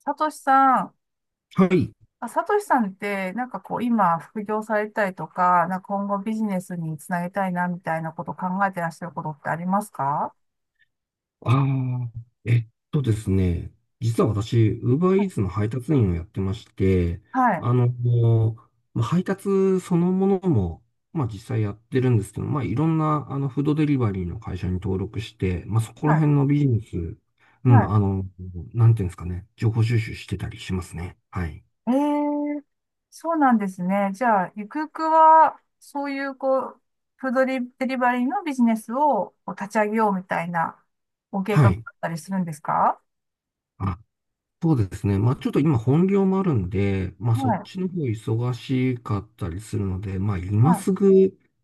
さとしさん、はい。さとしさんって、今、副業されたりとか、なんか今後ビジネスにつなげたいな、みたいなことを考えてらっしゃることってありますか？ああ、えっとですね。実は私、はい、UberEats の配達員をやってまして、もうまあ配達そのものも、まあ実際やってるんですけど、まあいろんなフードデリバリーの会社に登録して、まあそこはらい、辺のビジネス、うはん、い。なんていうんですかね、情報収集してたりしますね。はい。ええー、そうなんですね。じゃあ、ゆくゆくは、そういう、こう、フードリデリバリーのビジネスをこう立ち上げようみたいな、ご計は画だっい。たりするんですか？そうですね。まあちょっと今本業もあるんで、まあはそっい、ちの方忙しかったりするので、まあは今すい、ぐ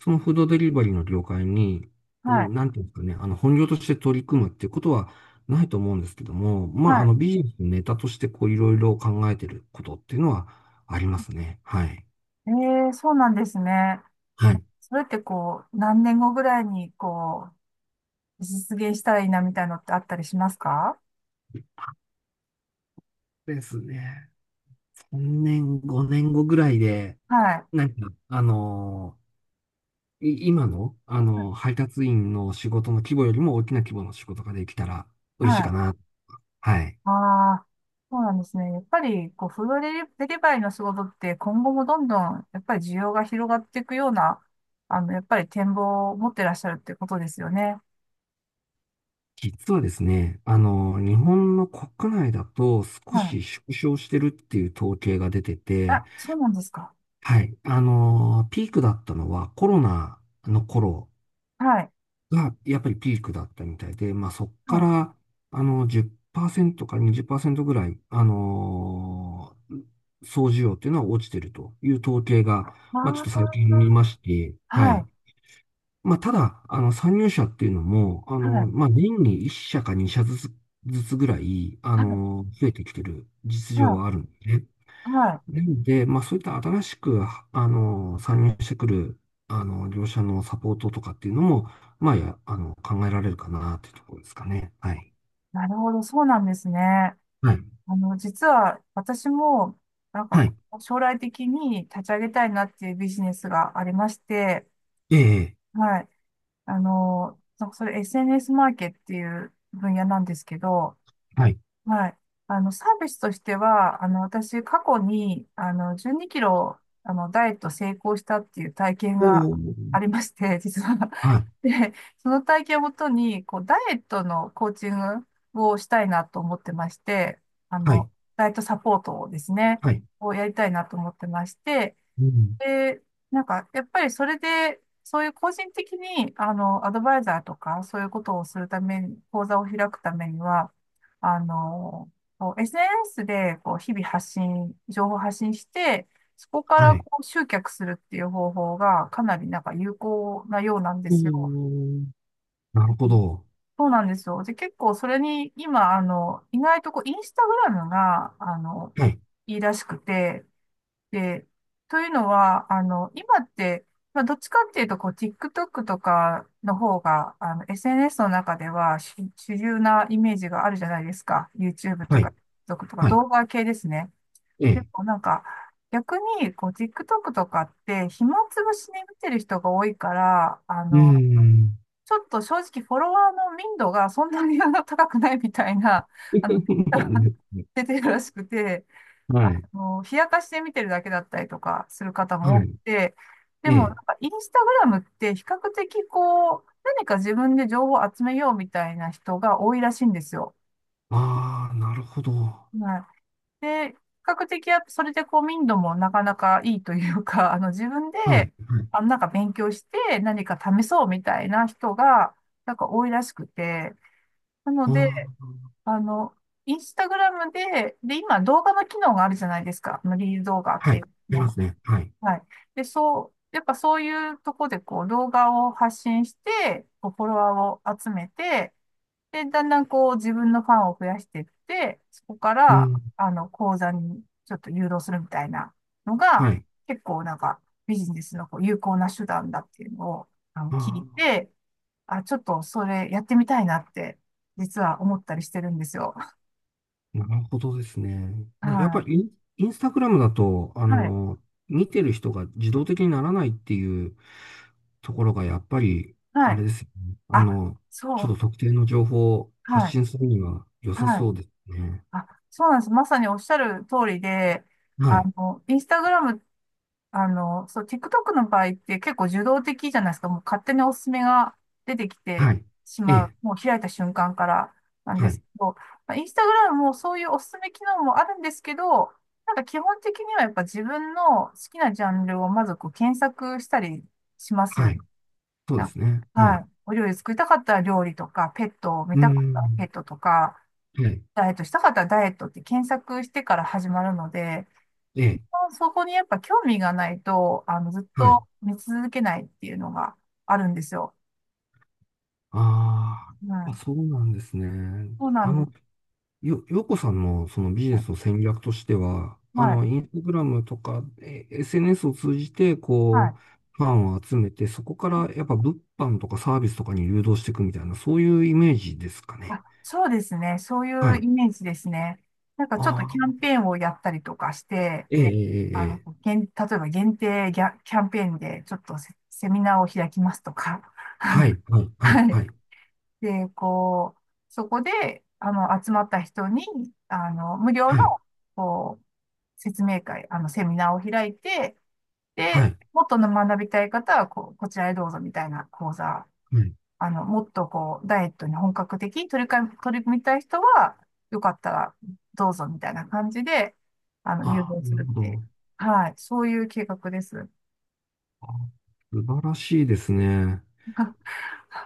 そのフードデリバリーの業界に、うはい、ん、なんていうんですかね、本業として取り組むっていうことはないと思うんですけども、まあはビジネスのネタとしてこういろいろ考えてることっていうのはありますね。はい。い。ええー、そうなんですね。はい。それってこう、何年後ぐらいに実現したらいいなみたいのってあったりしますか？ですね。3年、5年後ぐらいで、はい。なんか、あのい今の、はい。配達員の仕事の規模よりも大きな規模の仕事ができたら嬉しいかな。はい。ああ、そうなんですね。やっぱり、こう、フードデリデリバリーの仕事って今後もどんどん、やっぱり需要が広がっていくような、やっぱり展望を持ってらっしゃるってことですよね。実はですね、日本の国内だと少はい。し縮小してるっていう統計が出てて、あ、そうなんですか。はい。ピークだったのはコロナの頃はい。が、やっぱりピークだったみたいで、まあそっはかい。ら、10%かにじゅっパーセ20%ぐらい、総需要っていうのは落ちてるという統計が、まあちょっと最あ近見まして、あ、ははい。い。まあただ、参入者っていうのも、はい。まあ年に1社か2社ずつぐらい、はい。増えてきてる実情ははあるんでね。い。はい。なんで、まあ、そういった新しく、参入してくる、業者のサポートとかっていうのも、まあ、や、あの、考えられるかなっていうところですかね。はい。なるほど。そうなんですね。はい。実は私も、なんか、はい。将来的に立ち上げたいなっていうビジネスがありまして、ええ、はい。なんかそれ SNS マーケっていう分野なんですけど、はい。はい。サービスとしては、私、過去に、12キロ、ダイエット成功したっていう体験おがー、ありまして、実は。はい。で、その体験をもとに、こう、ダイエットのコーチングをしたいなと思ってまして、あはい。の、ダイエットサポートをですね、はい。をやりたいなと思ってまして、うん。で、なんか、やっぱりそれで、そういう個人的に、アドバイザーとか、そういうことをするために、講座を開くためには、あの、こう SNS で、こう、日々発信、情報発信して、そこかはらい。こう集客するっていう方法が、かなりなんか有効なようなんでおすよ。ー、なるほうん、ど。そうなんですよ。で、結構それに、今、意外とこう、インスタグラムが、はい。いいらしくて、で、というのは、今って、まあ、どっちかっていうと、こう、TikTok とかの方が、SNS の中では主流なイメージがあるじゃないですか。YouTube とはか、い。TikTok とか、はい。動画系ですね。えでえ。も、なんか、逆に、こう、TikTok とかって、暇つぶしに見てる人が多いから、うーん。ちょっと正直、フォロワーの民度がそんなに高くないみたいな、あの、なんで すね。出てるらしくて、はい。冷やかしで見てるだけだったりとかする方も多はくい。て、でえもなんえ。かインスタグラムって比較的こう、何か自分で情報を集めようみたいな人が多いらしいんですよ。ああ、なるほど。ははい。で、比較的やっぱそれでこう民度もなかなかいいというか、あの自分い。はい。で、あのなんか勉強して何か試そうみたいな人がなんか多いらしくて、なので、ああの、インスタグラムで、で、今動画の機能があるじゃないですか。あのリール動画っあ、はていい。あうりのまが。すね。はい。はい。で、そう、やっぱそういうとこでこう動画を発信して、こうフォロワーを集めて、で、だんだんこう自分のファンを増やしていって、そこかうら、ん。講座にちょっと誘導するみたいなのが、はい。結構なんかビジネスのこう有効な手段だっていうのをあ聞いあ、て、あ、ちょっとそれやってみたいなって、実は思ったりしてるんですよ。なるほどですね。まあやっぱはりインスタグラムだと、い。はい。見てる人が自動的にならないっていうところが、やっぱり、はあれい。ですよね。あ、そちょう。っと特定の情報を発はい。信するには良さはい。そうですね。あ、そうなんです。まさにおっしゃる通りで、はい。インスタグラム、そう、TikTok の場合って結構受動的じゃないですか。もう勝手におすすめが出てきはてい。しえまう。え。もう開いた瞬間からなんではすい。けど、まあインスタグラムもそういうおすすめ機能もあるんですけど、なんか基本的にはやっぱ自分の好きなジャンルをまずこう検索したりしますはよい。ね。そうでなんか、すね。ははい。い。お料理作りたかったら料理とか、ペットを見うーたかったらペん。ットとか、はい。ダイエットしたかったらダイエットって検索してから始まるので、ええ。そこにやっぱ興味がないと、ずっはい。と見続けないっていうのがあるんですよ。あはあ、い。そうなんですね。そうなあんでの、す。ようこさんのそのビジネスの戦略としては、はい。インスタグラムとか、SNS を通じて、はこい。う、ファンを集めて、そこからやっぱ物販とかサービスとかに誘導していくみたいな、そういうイメージですかね。あ、そうですね。そういはうい。イメージですね。なんかちょっとあキャあ、ンペーンをやったりとかして、ええ、ええ、ええ。例えば限定キャンペーンでちょっとセミナーを開きますとか、あはの、い、はい、はい、はい。はい、で、こう、そこで、集まった人に、無料の、はい、こう、説明会、セミナーを開いて、はで、い。もっと学びたい方は、こう、こちらへどうぞみたいな講座、はい。もっとこう、ダイエットに本格的に取り組みたい人は、よかったらどうぞみたいな感じで、誘あ導あ、すなるるっほていう。ど。はい。そういう計画です。あ、素晴らしいですね。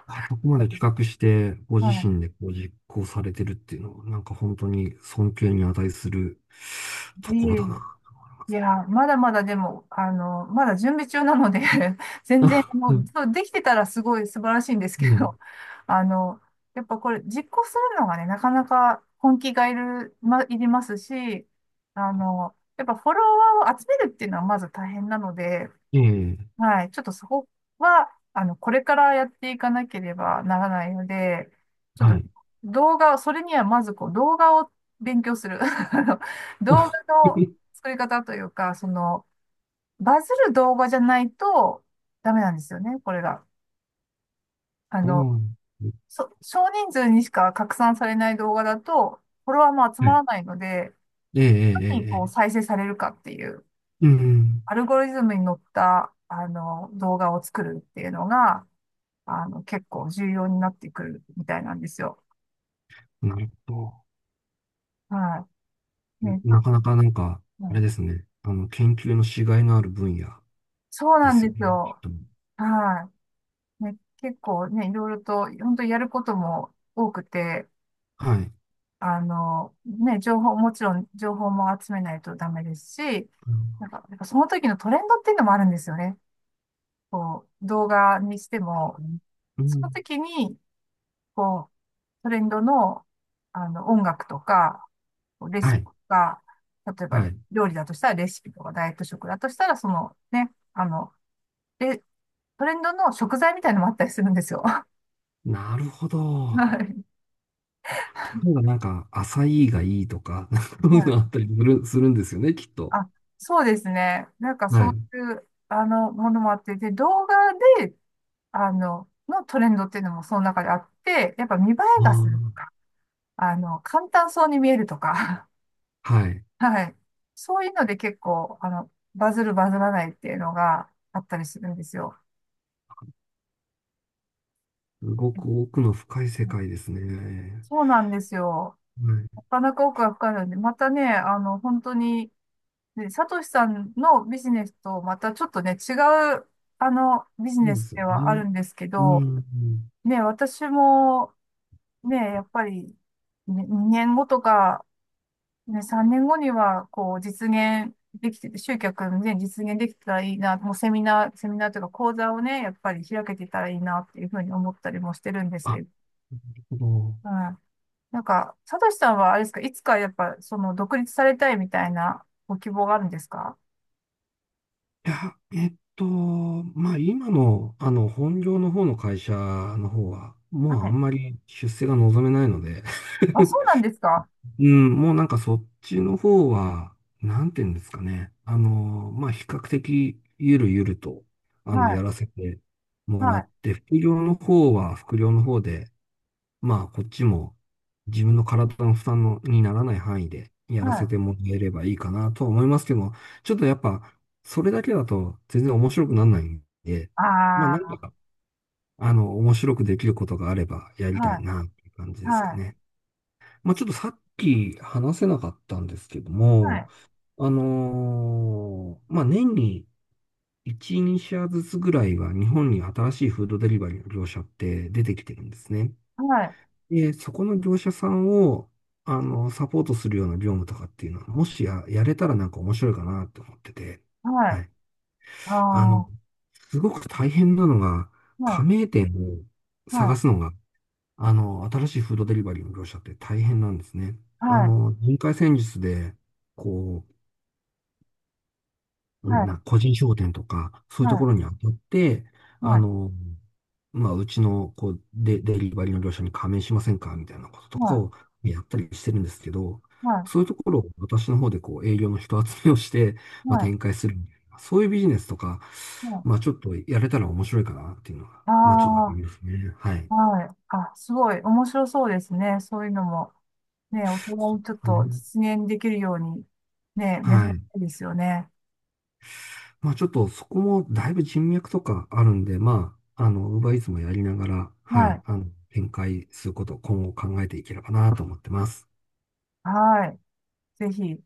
あそこまで企画して、ご自身はでこう実行されてるっていうのは、なんか本当に尊敬に値するい。とこいろえいだな。え、いや、まだまだでも、まだ準備中なので 全然、あ、もうう、ん、そう、できてたらすごい素晴らしいんですけねど、あの、やっぱこれ実行するのがね、なかなか本気がいる、ま、いりますし、やっぱフォロワーを集めるっていうのはまず大変なので、え、ええ、はい。ちょっとそこは、これからやっていかなければならないので、ちょっはとい。動画を、それにはまずこう動画を勉強する。あの動あ 画の 作り方というか、その、バズる動画じゃないとダメなんですよね、これが。あそうの、なんです少人数にしか拡散されない動画だと、フォロワーも集ね。まはい。らないので、ええ、え何にえ、こえうえ。再生されるかっていう、うん、アルゴリズムに乗った、動画を作るっていうのが、結構重要になってくるみたいなんですよ。うん、なるほはい。ど。ね、ちょなっかなと、かなんか、あはれい、ですね。研究のしがいのある分野そうでなんすでよすね。きっよ。と。はい。ね、結構ね、いろいろと、本当にやることも多くて、はい。ね、もちろん情報も集めないとダメですし、うん、なんか、なんかその時のトレンドっていうのもあるんですよね。こう、動画にしても、うそのん、時に、こう、トレンドの、音楽とか、レシはピい。が、例えばはい。料理だとしたらレシピとか、ダイエット食だとしたら、そのね、あの、で、トレンドの食材みたいなのもあったりするんですよ。はなるほい。ど。は例えなんか、浅いがいいとか、なんかそういうのあっい、たりするんですよね、きっと。あ、そうですね。なんかはそい。ういう、ものもあって、で、動画で、のトレンドっていうのもその中であって、やっぱ見栄えがするとあか、簡単そうに見えるとか、あ、はい。はい。そういうので結構、バズるバズらないっていうのがあったりするんですよ。すごく奥の深い世界ですね。そうなんですよ。はない。かなか奥が深いので、またね、本当に、ね、サトシさんのビジネスとまたちょっとね、違う、ビジそうネでスすよではあるね。んですけうど、ん。ね、私も、ね、やっぱり、ね、年後とかね、三年後にはこう実現できて集客ね実現できたらいいな、もうセミナーセミナーとか講座をねやっぱり開けてたらいいなっていう風に思ったりもしてるんですあ、なけど、るほど。うん。なんか佐藤さんはあれですか、いつかやっぱその独立されたいみたいなご希望があるんですか？いや、まあ今の、本業の方の会社の方は、はもうあい。んまり出世が望めないので あ、そ うなんですか？うん、もうなんかそっちの方は、なんていうんですかね。まあ、比較的ゆるゆると、はやい、らせてもはらっい、て、副業の方は副業の方で、まあ、こっちも自分の体の負担のにならない範囲でやはらい。せてもらえればいいかなとは思いますけど、ちょっとやっぱ、それだけだと全然面白くならないんで、まあ、あ何あ、か、面白くできることがあればやりたはいい、な、っていう感じですかはい、ね。まあ、ちょっとさっき話せなかったんですけどはも、い、まあ、年に1、2社ずつぐらいは日本に新しいフードデリバリーの業者って出てきてるんですね。はい、で、そこの業者さんを、サポートするような業務とかっていうのは、もしや、やれたらなんか面白いかなって思ってて、ははい、い。ああ、あの、はすごく大変なのが、加い、盟店をはい、探すのが新しいフードデリバリーの業者って大変なんですね。はい、人海戦術で、こう、はみんい、な個人商店とか、そうはいうとい、ころに当たって、はあい、の、まあ、うちの、こう、デリバリーの業者に加盟しませんかみたいなこととかをやったりしてるんですけど、はそういうところを私の方でこう、営業の人集めをして、い、まあ、は展い。開するみたいな、そういうビジネスとか、もまあ、ちょっとやれたら面白いかなっていうのが、う、まあ、ちょっとあるんあですね。はい。あ、はい。あ、すごい面白そうですね。そういうのも、ね、お互いちょっそうですとね。実現できるように、ね、目指はしい。たいですよね。まあちょっとそこもだいぶ人脈とかあるんで、まあ、ウーバーイーツもやりながら、ははい、い。展開することを今後考えていければなと思ってます。はい。ぜひ。